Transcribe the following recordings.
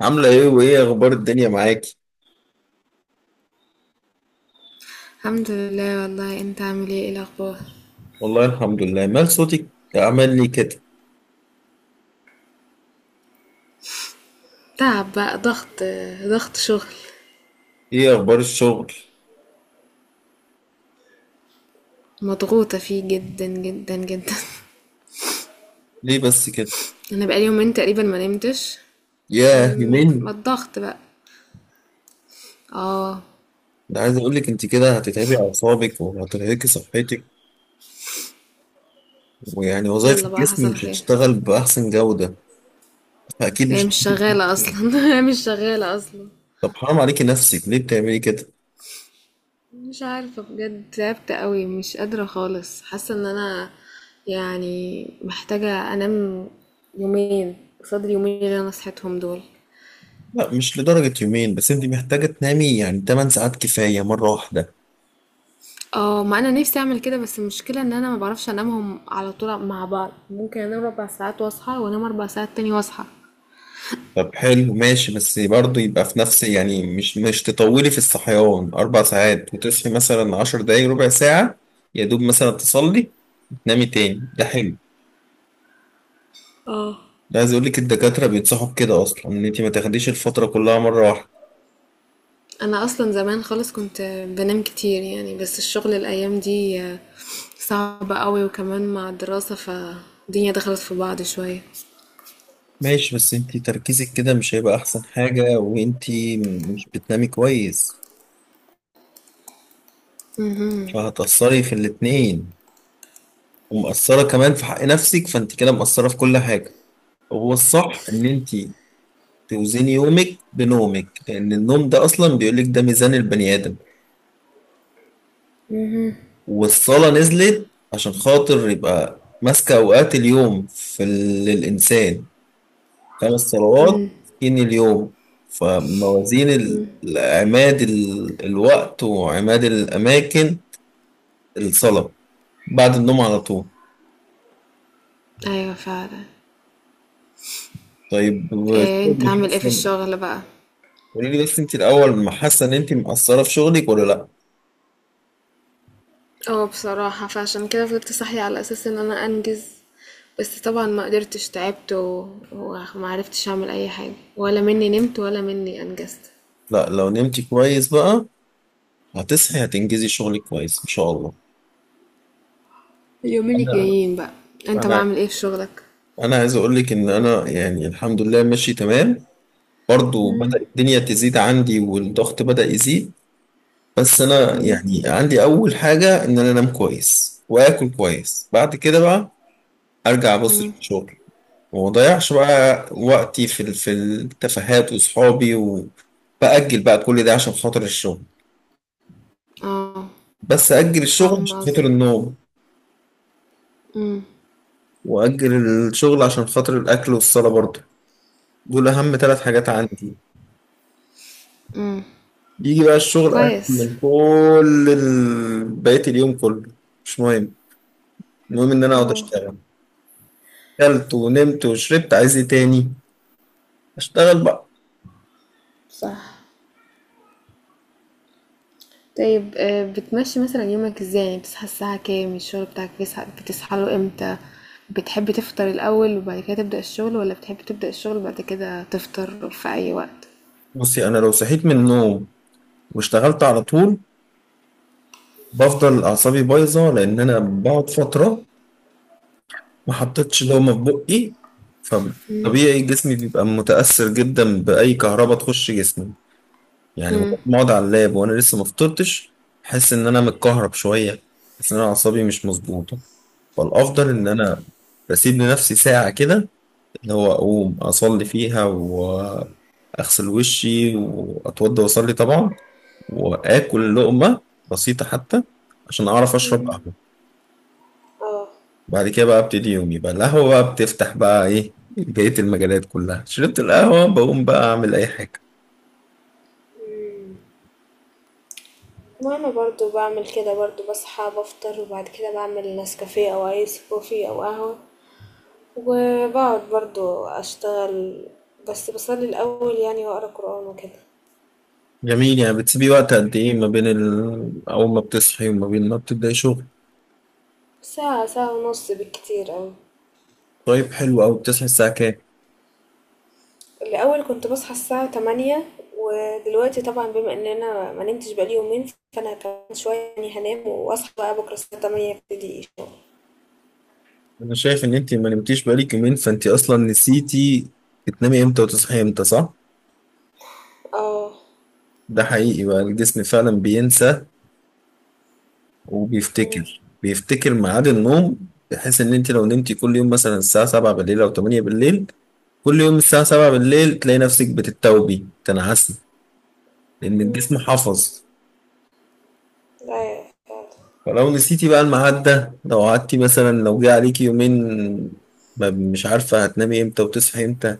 عاملة ايه وايه اخبار الدنيا معاكي؟ الحمد لله. والله انت عامل ايه؟ ايه الاخبار؟ والله الحمد لله، مال صوتك عمل لي كده، تعب بقى، ضغط شغل. ايه اخبار الشغل؟ مضغوطة فيه جدا جدا جدا. ليه بس كده؟ انا بقالي يومين تقريبا ما نمتش. ياه ما يومين، الضغط بقى. اه. انا عايز اقول لك انت كده هتتعبي اعصابك وهترهقي صحتك، ويعني وظائف يلا بقى، الجسم حصل مش خير. هتشتغل باحسن جودة، فاكيد هي مش مش شغالة هتشتغل. اصلا. هي مش شغالة اصلا. طب حرام عليكي نفسك، ليه بتعملي كده؟ مش عارفة بجد، تعبت قوي، مش قادرة خالص، حاسة ان انا يعني محتاجة انام يومين قصاد اليومين اللي انا صحيتهم دول. لا مش لدرجة يومين، بس انت محتاجة تنامي يعني 8 ساعات كفاية مرة واحدة. اه، ما انا نفسي اعمل كده، بس المشكله ان انا ما بعرفش انامهم على طول مع بعض. ممكن انام ربع ساعات واصحى، وانام اربع ساعات تاني واصحى. طب حلو ماشي، بس برضه يبقى في نفس يعني مش تطولي في الصحيان أربع ساعات وتصحي مثلا عشر دقايق ربع ساعة، يا دوب مثلا تصلي تنامي تاني، ده حلو. اه، ده عايز أقولك الدكاترة بينصحوا بكده أصلا، إن أنت ما تاخديش الفترة كلها مرة واحدة. انا اصلا زمان خالص كنت بنام كتير يعني، بس الشغل الايام دي صعب قوي، وكمان مع الدراسه، فالدنيا دخلت في بعض شويه. ماشي، بس أنت تركيزك كده مش هيبقى أحسن حاجة، وأنت مش بتنامي كويس، فهتأثري في الاتنين، ومأثرة كمان في حق نفسك، فأنت كده مقصرة في كل حاجة. هو الصح إن أنت توزني يومك بنومك، لأن النوم ده أصلا بيقولك ده ميزان البني آدم. والصلاة نزلت عشان خاطر يبقى ماسكة أوقات اليوم للإنسان، خمس صلوات ستين اليوم. فموازين ال- عماد الوقت وعماد الأماكن، الصلاة بعد النوم على طول. ايوه فعلا. طيب، إيه؟ انت شغلك عامل ايه في حاسة، الشغل بقى؟ قولي لي بس انت الأول، ما حاسة إن انت مقصرة في شغلك ولا لأ؟ اه، بصراحة فعشان كده فضلت صاحية على أساس إن أنا أنجز، بس طبعا ما قدرتش، تعبت و... وما عرفتش أعمل أي حاجة، ولا مني نمت ولا مني أنجزت. لأ، لو نمتي كويس بقى هتصحي هتنجزي شغلك كويس إن شاء الله. اليومين انا الجايين بقى. أنت انا بعمل إيه في شغلك؟ انا عايز اقول لك ان انا يعني الحمد لله ماشي تمام، برضو بدأ الدنيا تزيد عندي والضغط بدأ يزيد. بس انا يعني عندي اول حاجة ان انا انام كويس واكل كويس، بعد كده بقى ارجع ابص في الشغل، وما اضيعش بقى وقتي في التفاهات وصحابي، وبأجل بقى كل ده عشان خاطر الشغل. اه. بس أجل الشغل عشان فاهمة خاطر قصدك. النوم، وأجل الشغل عشان خاطر الأكل والصلاة برضه. دول أهم ثلاث حاجات عندي. يجي بقى الشغل أهم كويس. من كل بقية اليوم كله، مش مهم. المهم إن أنا أقعد اه. أشتغل. أكلت ونمت وشربت، عايز إيه تاني؟ أشتغل بقى. صح. طيب آه، بتمشي مثلا يومك ازاي؟ يعني بتصحى الساعة كام؟ الشغل بتاعك بتصحى له امتى؟ بتحب تفطر الأول وبعد كده تبدأ الشغل، ولا بتحب تبدأ الشغل بعد كده تفطر في أي وقت؟ بصي، أنا لو صحيت من النوم واشتغلت على طول، بفضل أعصابي بايظة، لأن أنا بقعد فترة ما حطيتش دومة في بقي، فطبيعي جسمي بيبقى متأثر جدا بأي كهرباء تخش جسمي. يعني مجرد ما أقعد على اللاب وأنا لسه ما فطرتش، أحس إن أنا متكهرب شوية، أحس إن أنا أعصابي مش مظبوطة. فالافضل ان انا بسيب لنفسي ساعه كده، اللي هو اقوم اصلي فيها، واغسل وشي واتوضى واصلي طبعا، واكل لقمه بسيطه حتى عشان اعرف اشرب قهوه. اه، وبعد كده بقى ابتدي يومي بقى، القهوه بقى بتفتح بقى ايه بقيه المجالات كلها، شربت القهوه بقوم بقى اعمل اي حاجه. وانا برضو بعمل كده. برضو بصحى، بفطر، وبعد كده بعمل نسكافيه او ايس كوفي او قهوة، وبقعد برضو اشتغل. بس بصلي الاول يعني، واقرا قرآن وكده. جميل، يعني بتسيبي وقت قد ايه ما بين اول ما بتصحي وما بين ما بتبداي شغل؟ ساعة، ساعة ونص بالكتير اوي. طيب حلو قوي، بتصحي الساعه كام؟ الاول كنت بصحى الساعة تمانية، ودلوقتي طبعا بما ان انا ما نمتش بقالي يومين، فانا كمان شوية يعني هنام واصحى بقى بكرة الساعة تمانية ابتدي الشغل. انا شايف ان انت ما نمتيش بقالك يومين، فانت اصلا نسيتي تنامي امتى وتصحي امتى، صح؟ اه. ده حقيقي بقى الجسم فعلا بينسى وبيفتكر، ميعاد النوم، بحيث ان انت لو نمتي كل يوم مثلا الساعة 7 بالليل او 8 بالليل، كل يوم الساعة 7 بالليل تلاقي نفسك بتتوبي تنعسي، لان الجسم حفظ. ايوه فعلا. فلو نسيتي بقى الميعاد ده، لو قعدتي مثلا لو جه عليكي يومين مش عارفة هتنامي امتى وتصحي امتى،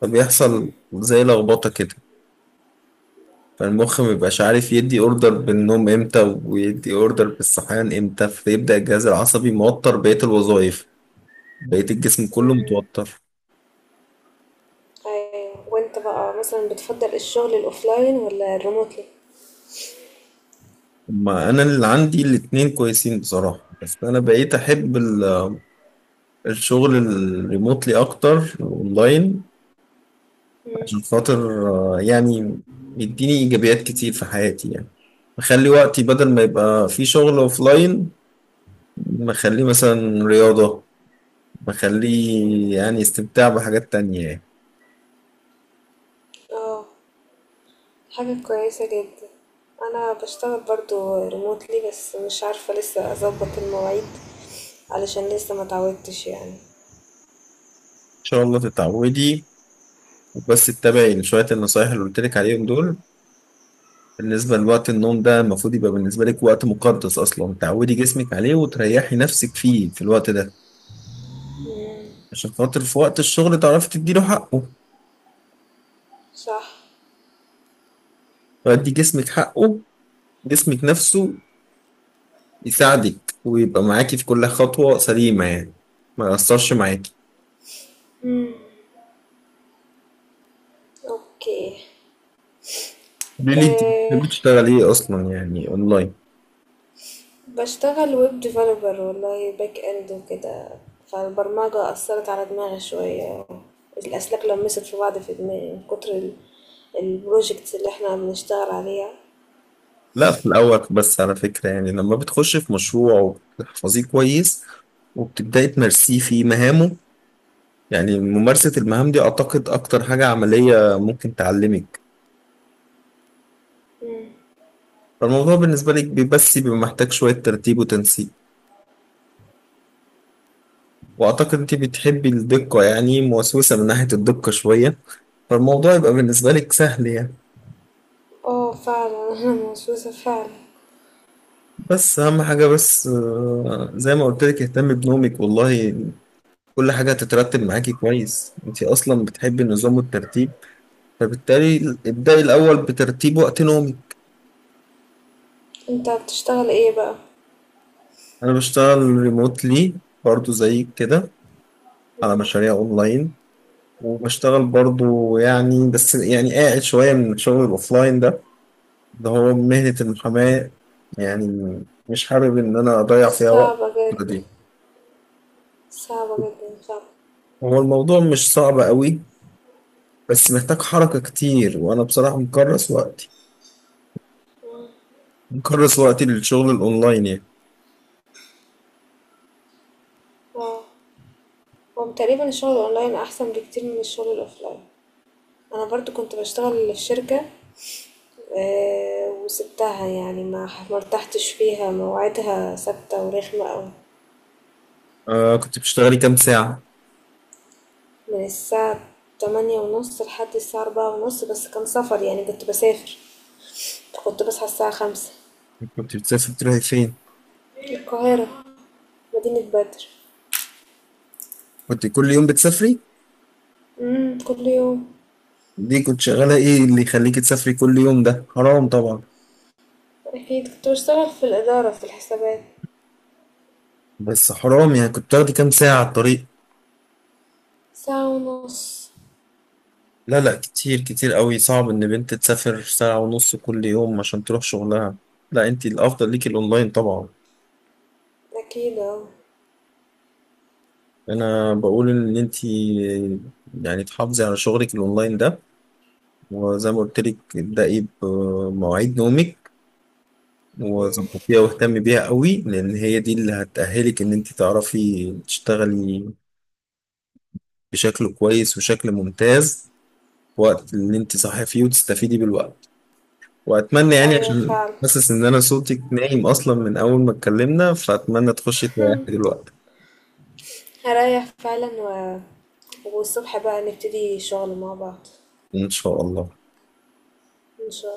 فبيحصل زي لخبطة كده، فالمخ مبيبقاش عارف يدي اوردر بالنوم امتى ويدي اوردر بالصحيان امتى، فيبدأ الجهاز العصبي موتر بقية الوظائف، بقية الجسم كله متوتر. ايوه. وانت بقى مثلا بتفضل الشغل الاوفلاين ولا الريموتلي؟ ما انا اللي عندي الاتنين كويسين بصراحة، بس انا بقيت احب الشغل الريموتلي اكتر اونلاين، عشان خاطر آه، يعني يديني ايجابيات كتير في حياتي يعني، بخلي وقتي بدل ما يبقى في شغل اوفلاين، بخليه مثلا رياضة، بخليه يعني استمتاع بحاجات تانية يعني. اه. حاجة كويسة جدا. انا بشتغل برضو ريموتلي، بس مش عارفة لسه اظبط المواعيد، علشان لسه ما اتعودتش يعني. شاء الله تتعودي، بس اتبعي شوية النصايح اللي قلت لك عليهم دول. بالنسبة لوقت النوم ده، المفروض يبقى بالنسبة لك وقت مقدس أصلا، تعودي جسمك عليه وتريحي نفسك فيه في الوقت ده، عشان خاطر في وقت الشغل تعرفي تديله حقه، صح. تدي جسمك حقه، جسمك نفسه يساعدك ويبقى معاكي في كل خطوة سليمة يعني، ما يأثرش معاكي. اوكي. قولي لي انت أه، بتحبي تشتغلي ايه اصلا يعني اونلاين؟ بشتغل ويب ديفلوبر والله، باك اند وكده. فالبرمجة اثرت على دماغي شوية، الاسلاك لمست في بعض في دماغي من كتر البروجكتس اللي احنا بنشتغل عليها. لا في الاول بس على فكرة يعني، لما بتخشي في مشروع وبتحفظيه كويس وبتبدأي تمارسيه في مهامه، يعني ممارسة المهام دي أعتقد أكتر حاجة عملية ممكن تعلمك. فالموضوع بالنسبة لك بس بيبقى محتاج شوية ترتيب وتنسيق، وأعتقد أنت بتحبي الدقة، يعني موسوسة من ناحية الدقة شوية، فالموضوع يبقى بالنسبة لك سهل يعني. اه فعلا. انا موسوسة فعلا. بس أهم حاجة بس آه، زي ما قلت لك اهتمي بنومك والله، كل حاجة هتترتب معاكي كويس، أنت أصلا بتحبي النظام والترتيب، فبالتالي ابدأي الأول بترتيب وقت نومك. انت بتشتغل ايه بقى؟ أنا بشتغل ريموتلي برضو زي كده، على مشاريع أونلاين، وبشتغل برضو يعني بس يعني قاعد شوية من الشغل الأوفلاين ده، اللي هو مهنة المحاماة، يعني مش حابب إن أنا أضيع فيها وقت. صعبة جدا. دي صعبة جدًا، صعبة. هو الموضوع مش صعب قوي، بس محتاج حركة كتير، وأنا بصراحة مكرس وقتي، للشغل الأونلاين يعني. آه، هو تقريبًا الشغل الأونلاين أحسن بكتير من الشغل الأوفلاين. أنا برضه كنت باشتغل في شركة، وسبتها يعني، ما ارتحتش فيها، مواعيدها ثابتة ورخمة أوي، آه كنت بتشتغلي كام ساعة؟ من الساعة 8:30 لحد الساعة 16:30، بس كان سفر يعني كنت باسافر، فكنت باصحى الساعة 5. كنت بتسافري بتروحي فين؟ القاهرة، مدينة بدر. كنت كل يوم بتسافري؟ إمم، كل يوم. دي كنت شغالة ايه اللي يخليك تسافري كل يوم؟ ده حرام طبعا. أكيد. كنت باشتغل في الإدارة في الحسابات. بس حرام يعني، كنت تاخدي كام ساعة على الطريق؟ ساعة ونص. لا لا، كتير كتير قوي، صعب ان بنت تسافر ساعة ونص كل يوم عشان تروح شغلها. لا انت الافضل ليكي الاونلاين طبعا. أكيد آه. انا بقول ان انت يعني تحافظي على شغلك الاونلاين ده، وزي ما قلت لك ابدأي بمواعيد نومك إمم. وظبطيها واهتمي بيها قوي، لان هي دي اللي هتأهلك ان انت تعرفي تشتغلي بشكل كويس وشكل ممتاز، وقت اللي انت صاحيه فيه، وتستفيدي بالوقت. واتمنى يعني، أيوة عشان فعلا. حاسس ان انا صوتك نايم اصلا من اول ما اتكلمنا، فاتمنى تخشي تريحي دلوقتي. هريح فعلا و... والصبح بقى نبتدي شغل مع بعض. ان شاء الله. إن شاء